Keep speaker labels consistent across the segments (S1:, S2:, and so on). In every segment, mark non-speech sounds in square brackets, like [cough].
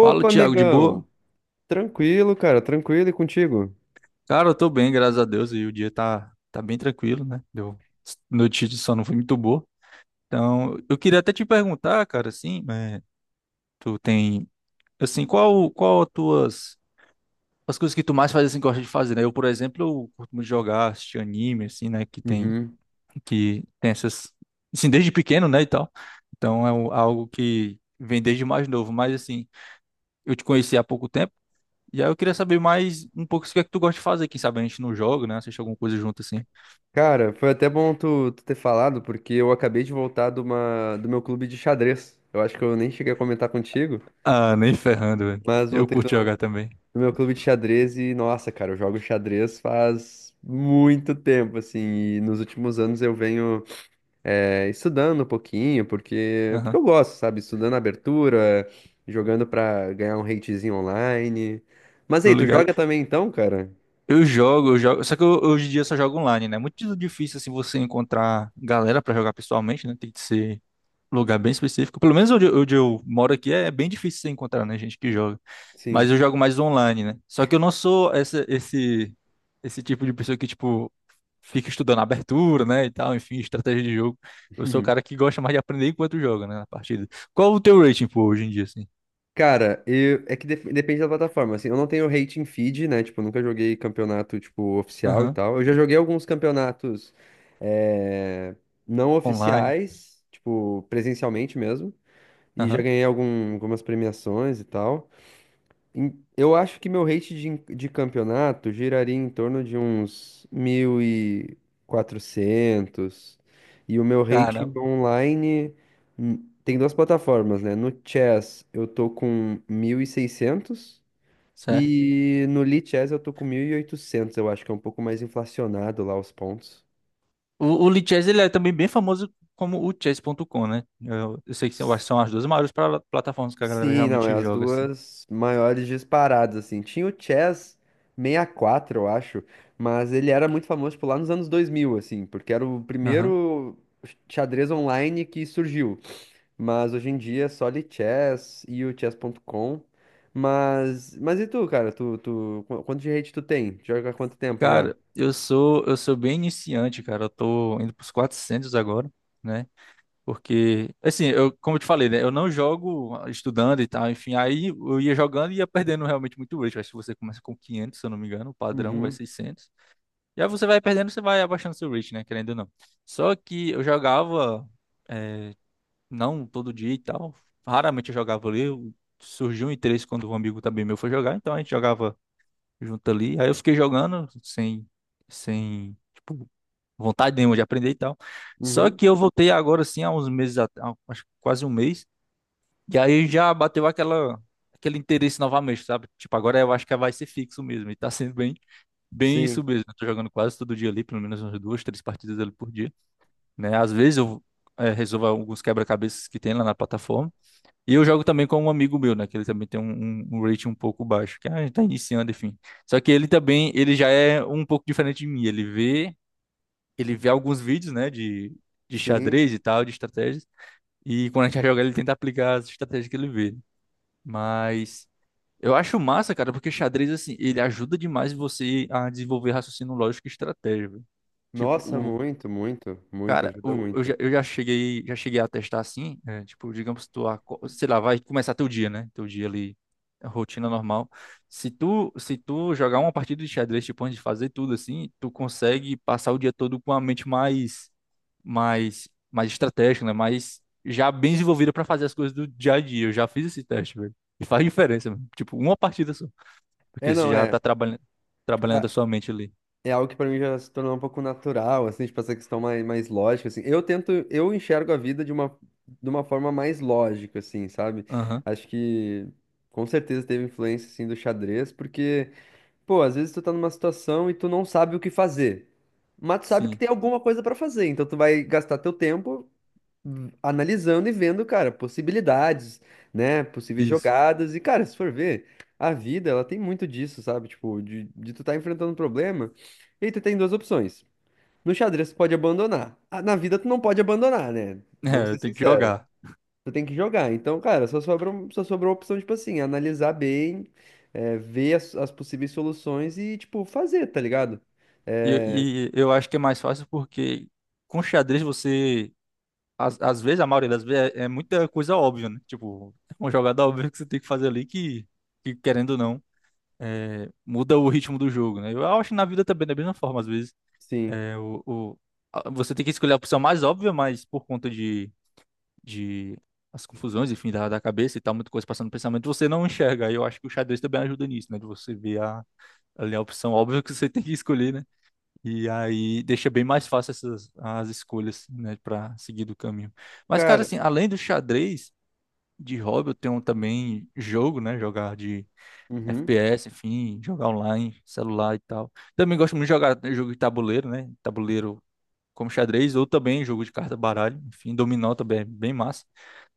S1: Fala, Thiago, de
S2: amigão!
S1: boa?
S2: Tranquilo, cara, tranquilo e contigo?
S1: Cara, eu tô bem, graças a Deus, e o dia tá bem tranquilo, né? Deu notícia de sono foi muito boa. Então, eu queria até te perguntar, cara, assim, né, tu tem, assim, qual as tuas, as coisas que tu mais faz, assim, gosta de fazer, né? Eu, por exemplo, eu curto muito jogar, assistir anime, assim, né, que tem,
S2: Uhum.
S1: que tem essas, assim, desde pequeno, né, e tal. Então, algo que vem desde mais novo, mas, assim, eu te conheci há pouco tempo. E aí eu queria saber mais um pouco o que é que tu gosta de fazer. Quem sabe a gente não joga, né? Assiste alguma coisa junto assim.
S2: Cara, foi até bom tu ter falado, porque eu acabei de voltar de uma, do meu clube de xadrez. Eu acho que eu nem cheguei a comentar contigo,
S1: Ah, nem ferrando, velho.
S2: mas
S1: Eu
S2: voltei do,
S1: curto jogar também.
S2: do meu clube de xadrez e, nossa, cara, eu jogo xadrez faz muito tempo, assim, e nos últimos anos eu venho estudando um pouquinho, porque
S1: Aham.
S2: eu gosto, sabe? Estudando abertura, jogando pra ganhar um ratezinho online. Mas aí,
S1: Tô
S2: tu
S1: ligado.
S2: joga também então, cara?
S1: Eu jogo. Só que hoje em dia eu só jogo online, né? É muito difícil assim você encontrar galera pra jogar pessoalmente, né? Tem que ser lugar bem específico. Pelo menos onde eu moro aqui é bem difícil você encontrar, né? Gente que joga. Mas
S2: Sim.
S1: eu jogo mais online, né? Só que eu não sou esse tipo de pessoa que, tipo, fica estudando a abertura, né, e tal, enfim, estratégia de jogo. Eu sou o cara
S2: [laughs]
S1: que gosta mais de aprender enquanto joga, né, na partida. Qual o teu rating, pô, hoje em dia, assim?
S2: Cara, eu, é que depende da plataforma. Assim, eu não tenho rating feed, né? Tipo, eu nunca joguei campeonato, tipo, oficial e
S1: Aham,
S2: tal. Eu já joguei alguns campeonatos eh, não
S1: online,
S2: oficiais, tipo, presencialmente mesmo. E já
S1: aham,
S2: ganhei algum, algumas premiações e tal. Eu acho que meu rate de campeonato giraria em torno de uns 1.400 e o meu rate
S1: caramba,
S2: online hum, tem duas plataformas, né? No Chess eu tô com 1.600
S1: certo.
S2: e no Lee Chess eu tô com 1.800. Eu acho que é um pouco mais inflacionado lá os pontos.
S1: O Lee Chess, ele é também bem famoso como o chess.com, né? Eu sei que são, eu acho que são as duas maiores plataformas que a galera
S2: Sim, não, é
S1: realmente
S2: as
S1: joga, assim.
S2: duas maiores disparadas, assim. Tinha o Chess 64 eu acho, mas ele era muito famoso, tipo, lá nos anos 2000 assim, porque era o
S1: Aham.
S2: primeiro xadrez online que surgiu. Mas hoje em dia é só ali Chess e o Chess.com. Mas e tu, cara? Tu, tu, quanto de rate tu tem? Joga há quanto tempo já?
S1: Cara, eu sou bem iniciante, cara, eu tô indo pros 400 agora, né, porque, assim, eu, como eu te falei, né? Eu não jogo estudando e tal, enfim. Aí eu ia jogando e ia perdendo realmente muito rate. Acho que você começa com 500 se eu não me engano, o padrão vai
S2: Uhum,
S1: 600. E aí você vai perdendo, você vai abaixando seu rate, né? Querendo ou não. Só que eu jogava, eh, não todo dia e tal. Raramente eu jogava ali. Surgiu um interesse quando um amigo também meu foi jogar, então a gente jogava junto ali. Aí eu fiquei jogando sem, tipo, vontade nenhuma de aprender e tal. Só
S2: uhum.
S1: que eu voltei agora, assim, há uns meses, acho que quase um mês, e aí já bateu aquele interesse novamente, sabe? Tipo, agora eu acho que vai ser fixo mesmo, e tá sendo bem
S2: Sim,
S1: isso mesmo. Eu tô jogando quase todo dia ali, pelo menos umas duas, três partidas ali por dia, né? Às vezes eu resolvo alguns quebra-cabeças que tem lá na plataforma, e eu jogo também com um amigo meu, né? Que ele também tem um rating um pouco baixo, que a gente tá iniciando, enfim. Só que ele também, ele já é um pouco diferente de mim. Ele vê alguns vídeos, né, de
S2: sim.
S1: xadrez e tal, de estratégias, e quando a gente vai jogar, ele tenta aplicar as estratégias que ele vê. Mas eu acho massa, cara, porque xadrez, assim, ele ajuda demais você a desenvolver raciocínio lógico e estratégia, velho. Tipo,
S2: Nossa,
S1: o.
S2: muito, muito, muito,
S1: Cara,
S2: ajuda
S1: o,
S2: muito.
S1: eu já cheguei a testar assim, é, tipo, digamos, tu, sei lá, vai começar teu dia, né? Teu dia ali, a rotina normal. Se tu jogar uma partida de xadrez, tipo, antes de fazer tudo assim, tu consegue passar o dia todo com a mente mais estratégico, né? Mais já bem desenvolvida para fazer as coisas do dia a dia. Eu já fiz esse teste, velho. E faz diferença, mano. Tipo, uma partida só.
S2: É,
S1: Porque você
S2: não,
S1: já
S2: é.
S1: tá trabalhando a sua mente ali.
S2: É algo que pra mim já se tornou um pouco natural, assim, tipo, essa questão mais, mais lógica, assim. Eu tento, eu enxergo a vida de uma forma mais lógica, assim, sabe?
S1: Aham,
S2: Acho que com certeza teve influência, assim, do xadrez, porque, pô, às vezes tu tá numa situação e tu não sabe o que fazer. Mas tu sabe que
S1: sim.
S2: tem alguma coisa pra fazer, então tu vai gastar teu tempo analisando e vendo, cara, possibilidades, né? Possíveis
S1: Isso. [laughs]
S2: jogadas. E, cara, se for ver, a vida, ela tem muito disso, sabe? Tipo, de tu tá enfrentando um problema e tu tem duas opções. No xadrez, tu pode abandonar. Ah, na vida, tu não pode abandonar, né? Vamos
S1: É,
S2: ser
S1: tem que
S2: sinceros.
S1: jogar.
S2: Tu tem que jogar. Então, cara, só sobrou a opção, tipo assim, analisar bem, ver as possíveis soluções e, tipo, fazer, tá ligado?
S1: E eu acho que é mais fácil porque com xadrez você. Às vezes, a maioria das vezes, é muita coisa óbvia, né? Tipo, é uma jogada óbvia que você tem que fazer ali que querendo ou não, muda o ritmo do jogo, né? Eu acho que na vida também, da mesma forma, às vezes.
S2: Sim.
S1: É, o, o- Você tem que escolher a opção mais óbvia, mas por conta de as confusões, enfim, da cabeça e tal, muita coisa passando no pensamento, você não enxerga. E eu acho que o xadrez também ajuda nisso, né? De você ali a opção óbvia que você tem que escolher, né? E aí deixa bem mais fácil essas as escolhas, né, para seguir do caminho. Mas, cara,
S2: Cara,
S1: assim, além do xadrez de hobby, eu tenho também jogo, né? Jogar de
S2: uhum.
S1: FPS, enfim, jogar online, celular e tal. Também gosto muito de jogar jogo de tabuleiro, né? Tabuleiro como xadrez, ou também jogo de carta, baralho, enfim, dominó também é bem massa.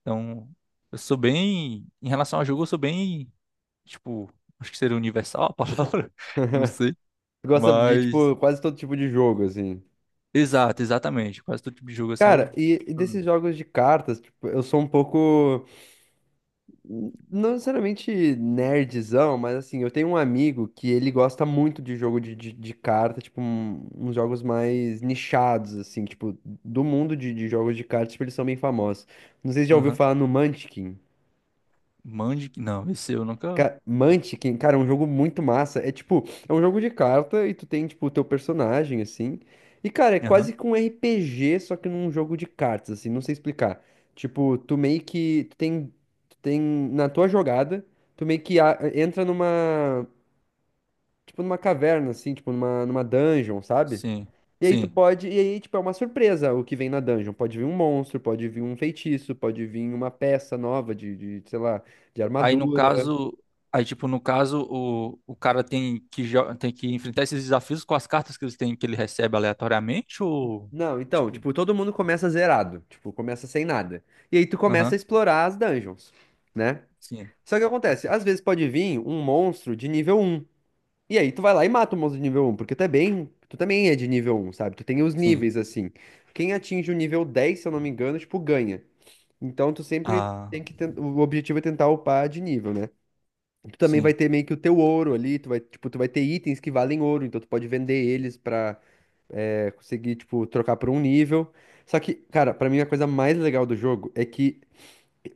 S1: Então, eu sou bem, em relação a jogo, eu sou bem, tipo, acho que seria universal a palavra, [laughs] não sei,
S2: Tu gosta de,
S1: mas,
S2: tipo, quase todo tipo de jogo, assim.
S1: exatamente, quase todo tipo de jogo assim,
S2: Cara,
S1: eu...
S2: e desses jogos de cartas, tipo, eu sou um pouco, não necessariamente nerdzão, mas assim, eu tenho um amigo que ele gosta muito de jogo de, de carta, tipo, uns jogos mais nichados, assim, tipo, do mundo de jogos de cartas, tipo, eles são bem famosos. Não sei se já ouviu
S1: Aham,
S2: falar no Munchkin.
S1: Mandic, não, esse eu nunca...
S2: Munchkin, cara, é um jogo muito massa. É tipo, é um jogo de carta e tu tem, tipo, o teu personagem, assim. E, cara, é
S1: Aham,
S2: quase que um RPG, só que num jogo de cartas, assim, não sei explicar. Tipo, tu meio que. Tu tem. Tu tem. Na tua jogada, tu meio que entra numa. Tipo, numa caverna, assim, tipo, numa, numa dungeon, sabe?
S1: sim,
S2: E aí tu
S1: sim.
S2: pode. E aí, tipo, é uma surpresa o que vem na dungeon. Pode vir um monstro, pode vir um feitiço, pode vir uma peça nova de sei lá, de
S1: Aí, no
S2: armadura.
S1: caso... Aí, tipo, no caso, o cara tem tem que enfrentar esses desafios com as cartas que ele tem, que ele recebe aleatoriamente, ou...
S2: Não, então,
S1: Tipo,
S2: tipo, todo mundo começa zerado, tipo, começa sem nada. E aí tu começa a
S1: aham,
S2: explorar as dungeons, né?
S1: sim.
S2: Só que acontece, às vezes pode vir um monstro de nível um. E aí tu vai lá e mata o monstro de nível um, porque tu é bem, tu também é de nível um, sabe? Tu tem os
S1: Sim.
S2: níveis assim. Quem atinge o nível 10, se eu não me engano, tipo, ganha. Então tu sempre
S1: Ah,
S2: tem que o objetivo é tentar upar de nível, né? Tu também vai
S1: sim.
S2: ter meio que o teu ouro ali, tu vai, tipo, tu vai ter itens que valem ouro, então tu pode vender eles pra consegui, tipo, trocar por um nível. Só que, cara, pra mim a coisa mais legal do jogo é que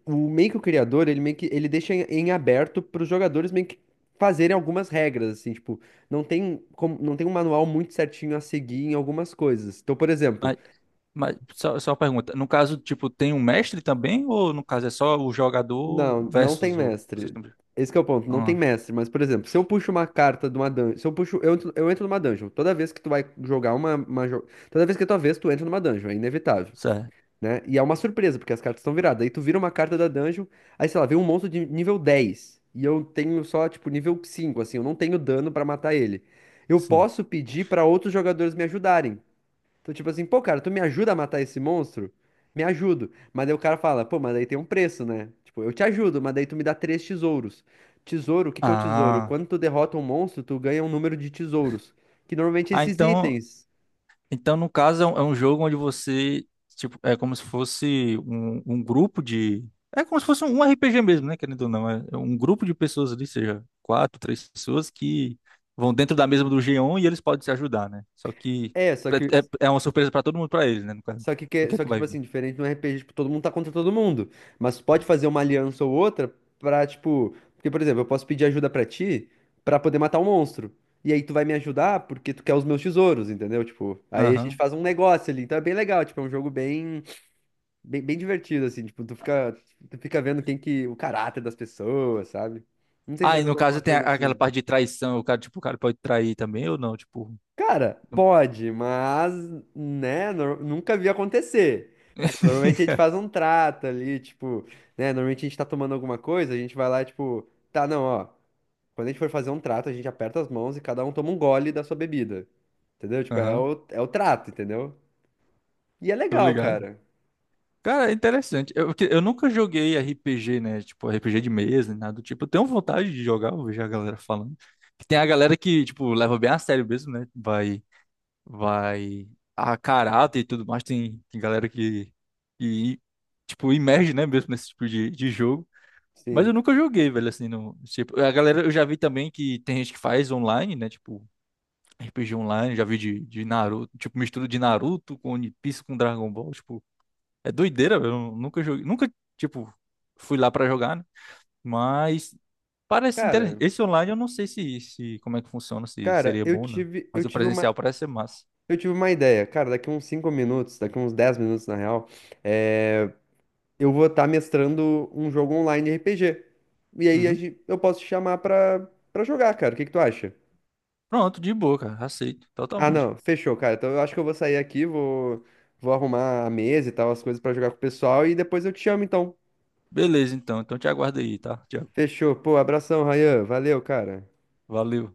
S2: o meio que o criador, ele meio que ele deixa em aberto pros jogadores meio que fazerem algumas regras, assim, tipo, não tem como, não tem um manual muito certinho a seguir em algumas coisas. Então, por exemplo,
S1: Mas, mas só uma pergunta. No caso, tipo, tem um mestre também? Ou no caso é só o
S2: não,
S1: jogador
S2: não tem
S1: versus o.
S2: mestre. Esse que é o ponto, não tem
S1: Ah,
S2: mestre, mas, por exemplo, se eu puxo uma carta de uma dungeon, se eu puxo, eu entro numa dungeon, toda vez que tu vai jogar toda vez que é tua vez, tu entra numa dungeon, é inevitável.
S1: certo.
S2: Né? E é uma surpresa, porque as cartas estão viradas. Aí tu vira uma carta da dungeon, aí sei lá, vem um monstro de nível 10 e eu tenho só, tipo, nível 5 assim, eu não tenho dano pra matar ele. Eu
S1: Sim.
S2: posso pedir pra outros jogadores me ajudarem. Então, tipo assim, pô, cara, tu me ajuda a matar esse monstro? Me ajudo. Mas daí o cara fala, pô, mas daí tem um preço, né? Tipo, eu te ajudo, mas daí tu me dá três tesouros. Tesouro, o que que é o tesouro?
S1: Ah.
S2: Quando tu derrota um monstro, tu ganha um número de tesouros. Que normalmente é
S1: Ah,
S2: esses
S1: então.
S2: itens.
S1: Então, no caso, é um jogo onde você, tipo, é como se fosse um grupo de. É como se fosse um RPG mesmo, né? Querendo ou não. É um grupo de pessoas ali, seja quatro, três pessoas, que vão dentro da mesa do G1 e eles podem se ajudar, né? Só que
S2: É, só que.
S1: é uma surpresa pra todo mundo, pra eles, né? No caso.
S2: Só que,
S1: O que é
S2: só
S1: que
S2: que,
S1: vai
S2: tipo
S1: vir?
S2: assim, diferente no RPG, tipo, todo mundo tá contra todo mundo. Mas tu pode fazer uma aliança ou outra pra, tipo. Porque, por exemplo, eu posso pedir ajuda pra ti pra poder matar um monstro. E aí tu vai me ajudar porque tu quer os meus tesouros, entendeu? Tipo, aí a gente
S1: Aham.
S2: faz um negócio ali. Então é bem legal, tipo, é um jogo bem, bem, bem divertido, assim. Tipo, tu fica vendo quem que. O caráter das pessoas, sabe? Não sei se você
S1: Ah,
S2: já
S1: e no
S2: jogou alguma
S1: caso tem
S2: coisa
S1: aquela
S2: assim.
S1: parte de traição, o cara, tipo, o cara pode trair também ou não, tipo.
S2: Cara,
S1: Não-
S2: pode, mas, né, nunca vi acontecer. Tipo, normalmente a gente
S1: [laughs]
S2: faz um trato ali, tipo, né, normalmente a gente tá tomando alguma coisa, a gente vai lá, tipo, tá, não, ó, quando a gente for fazer um trato, a gente aperta as mãos e cada um toma um gole da sua bebida, entendeu? Tipo, é
S1: Aham,
S2: o, é o trato, entendeu? E é
S1: tô
S2: legal,
S1: ligado.
S2: cara.
S1: Cara, é interessante. Eu nunca joguei RPG, né? Tipo, RPG de mesa, nada do tipo. Eu tenho vontade de jogar, eu vejo a galera falando. Que tem a galera que, tipo, leva bem a sério mesmo, né? Vai a caráter e tudo mais. Tem galera que, tipo, imerge, né? Mesmo nesse tipo de jogo. Mas eu
S2: Sim.
S1: nunca joguei, velho, assim, no, tipo, a galera, eu já vi também que tem gente que faz online, né? Tipo, RPG online, já vi de Naruto, tipo, mistura de Naruto com One Piece com Dragon Ball, tipo, é doideira, velho. Eu nunca joguei, nunca, tipo, fui lá pra jogar, né? Mas parece interessante.
S2: Cara,
S1: Esse online eu não sei se, como é que funciona, se
S2: cara,
S1: seria
S2: eu
S1: bom ou não.
S2: tive, eu
S1: Mas o
S2: tive uma,
S1: presencial parece ser massa.
S2: eu tive uma ideia, cara, daqui uns 5 minutos, daqui uns 10 minutos, na real, é... eu vou estar mestrando um jogo online RPG. E aí a
S1: Uhum.
S2: eu posso te chamar pra, pra jogar, cara. O que que tu acha?
S1: Pronto, de boa, cara. Aceito,
S2: Ah,
S1: totalmente.
S2: não. Fechou, cara. Então eu acho que eu vou sair aqui, vou, vou arrumar a mesa e tal, as coisas pra jogar com o pessoal e depois eu te chamo, então.
S1: Beleza, então. Então te aguardo aí, tá, Tiago?
S2: Fechou. Pô, abração, Rayan. Valeu, cara.
S1: Valeu.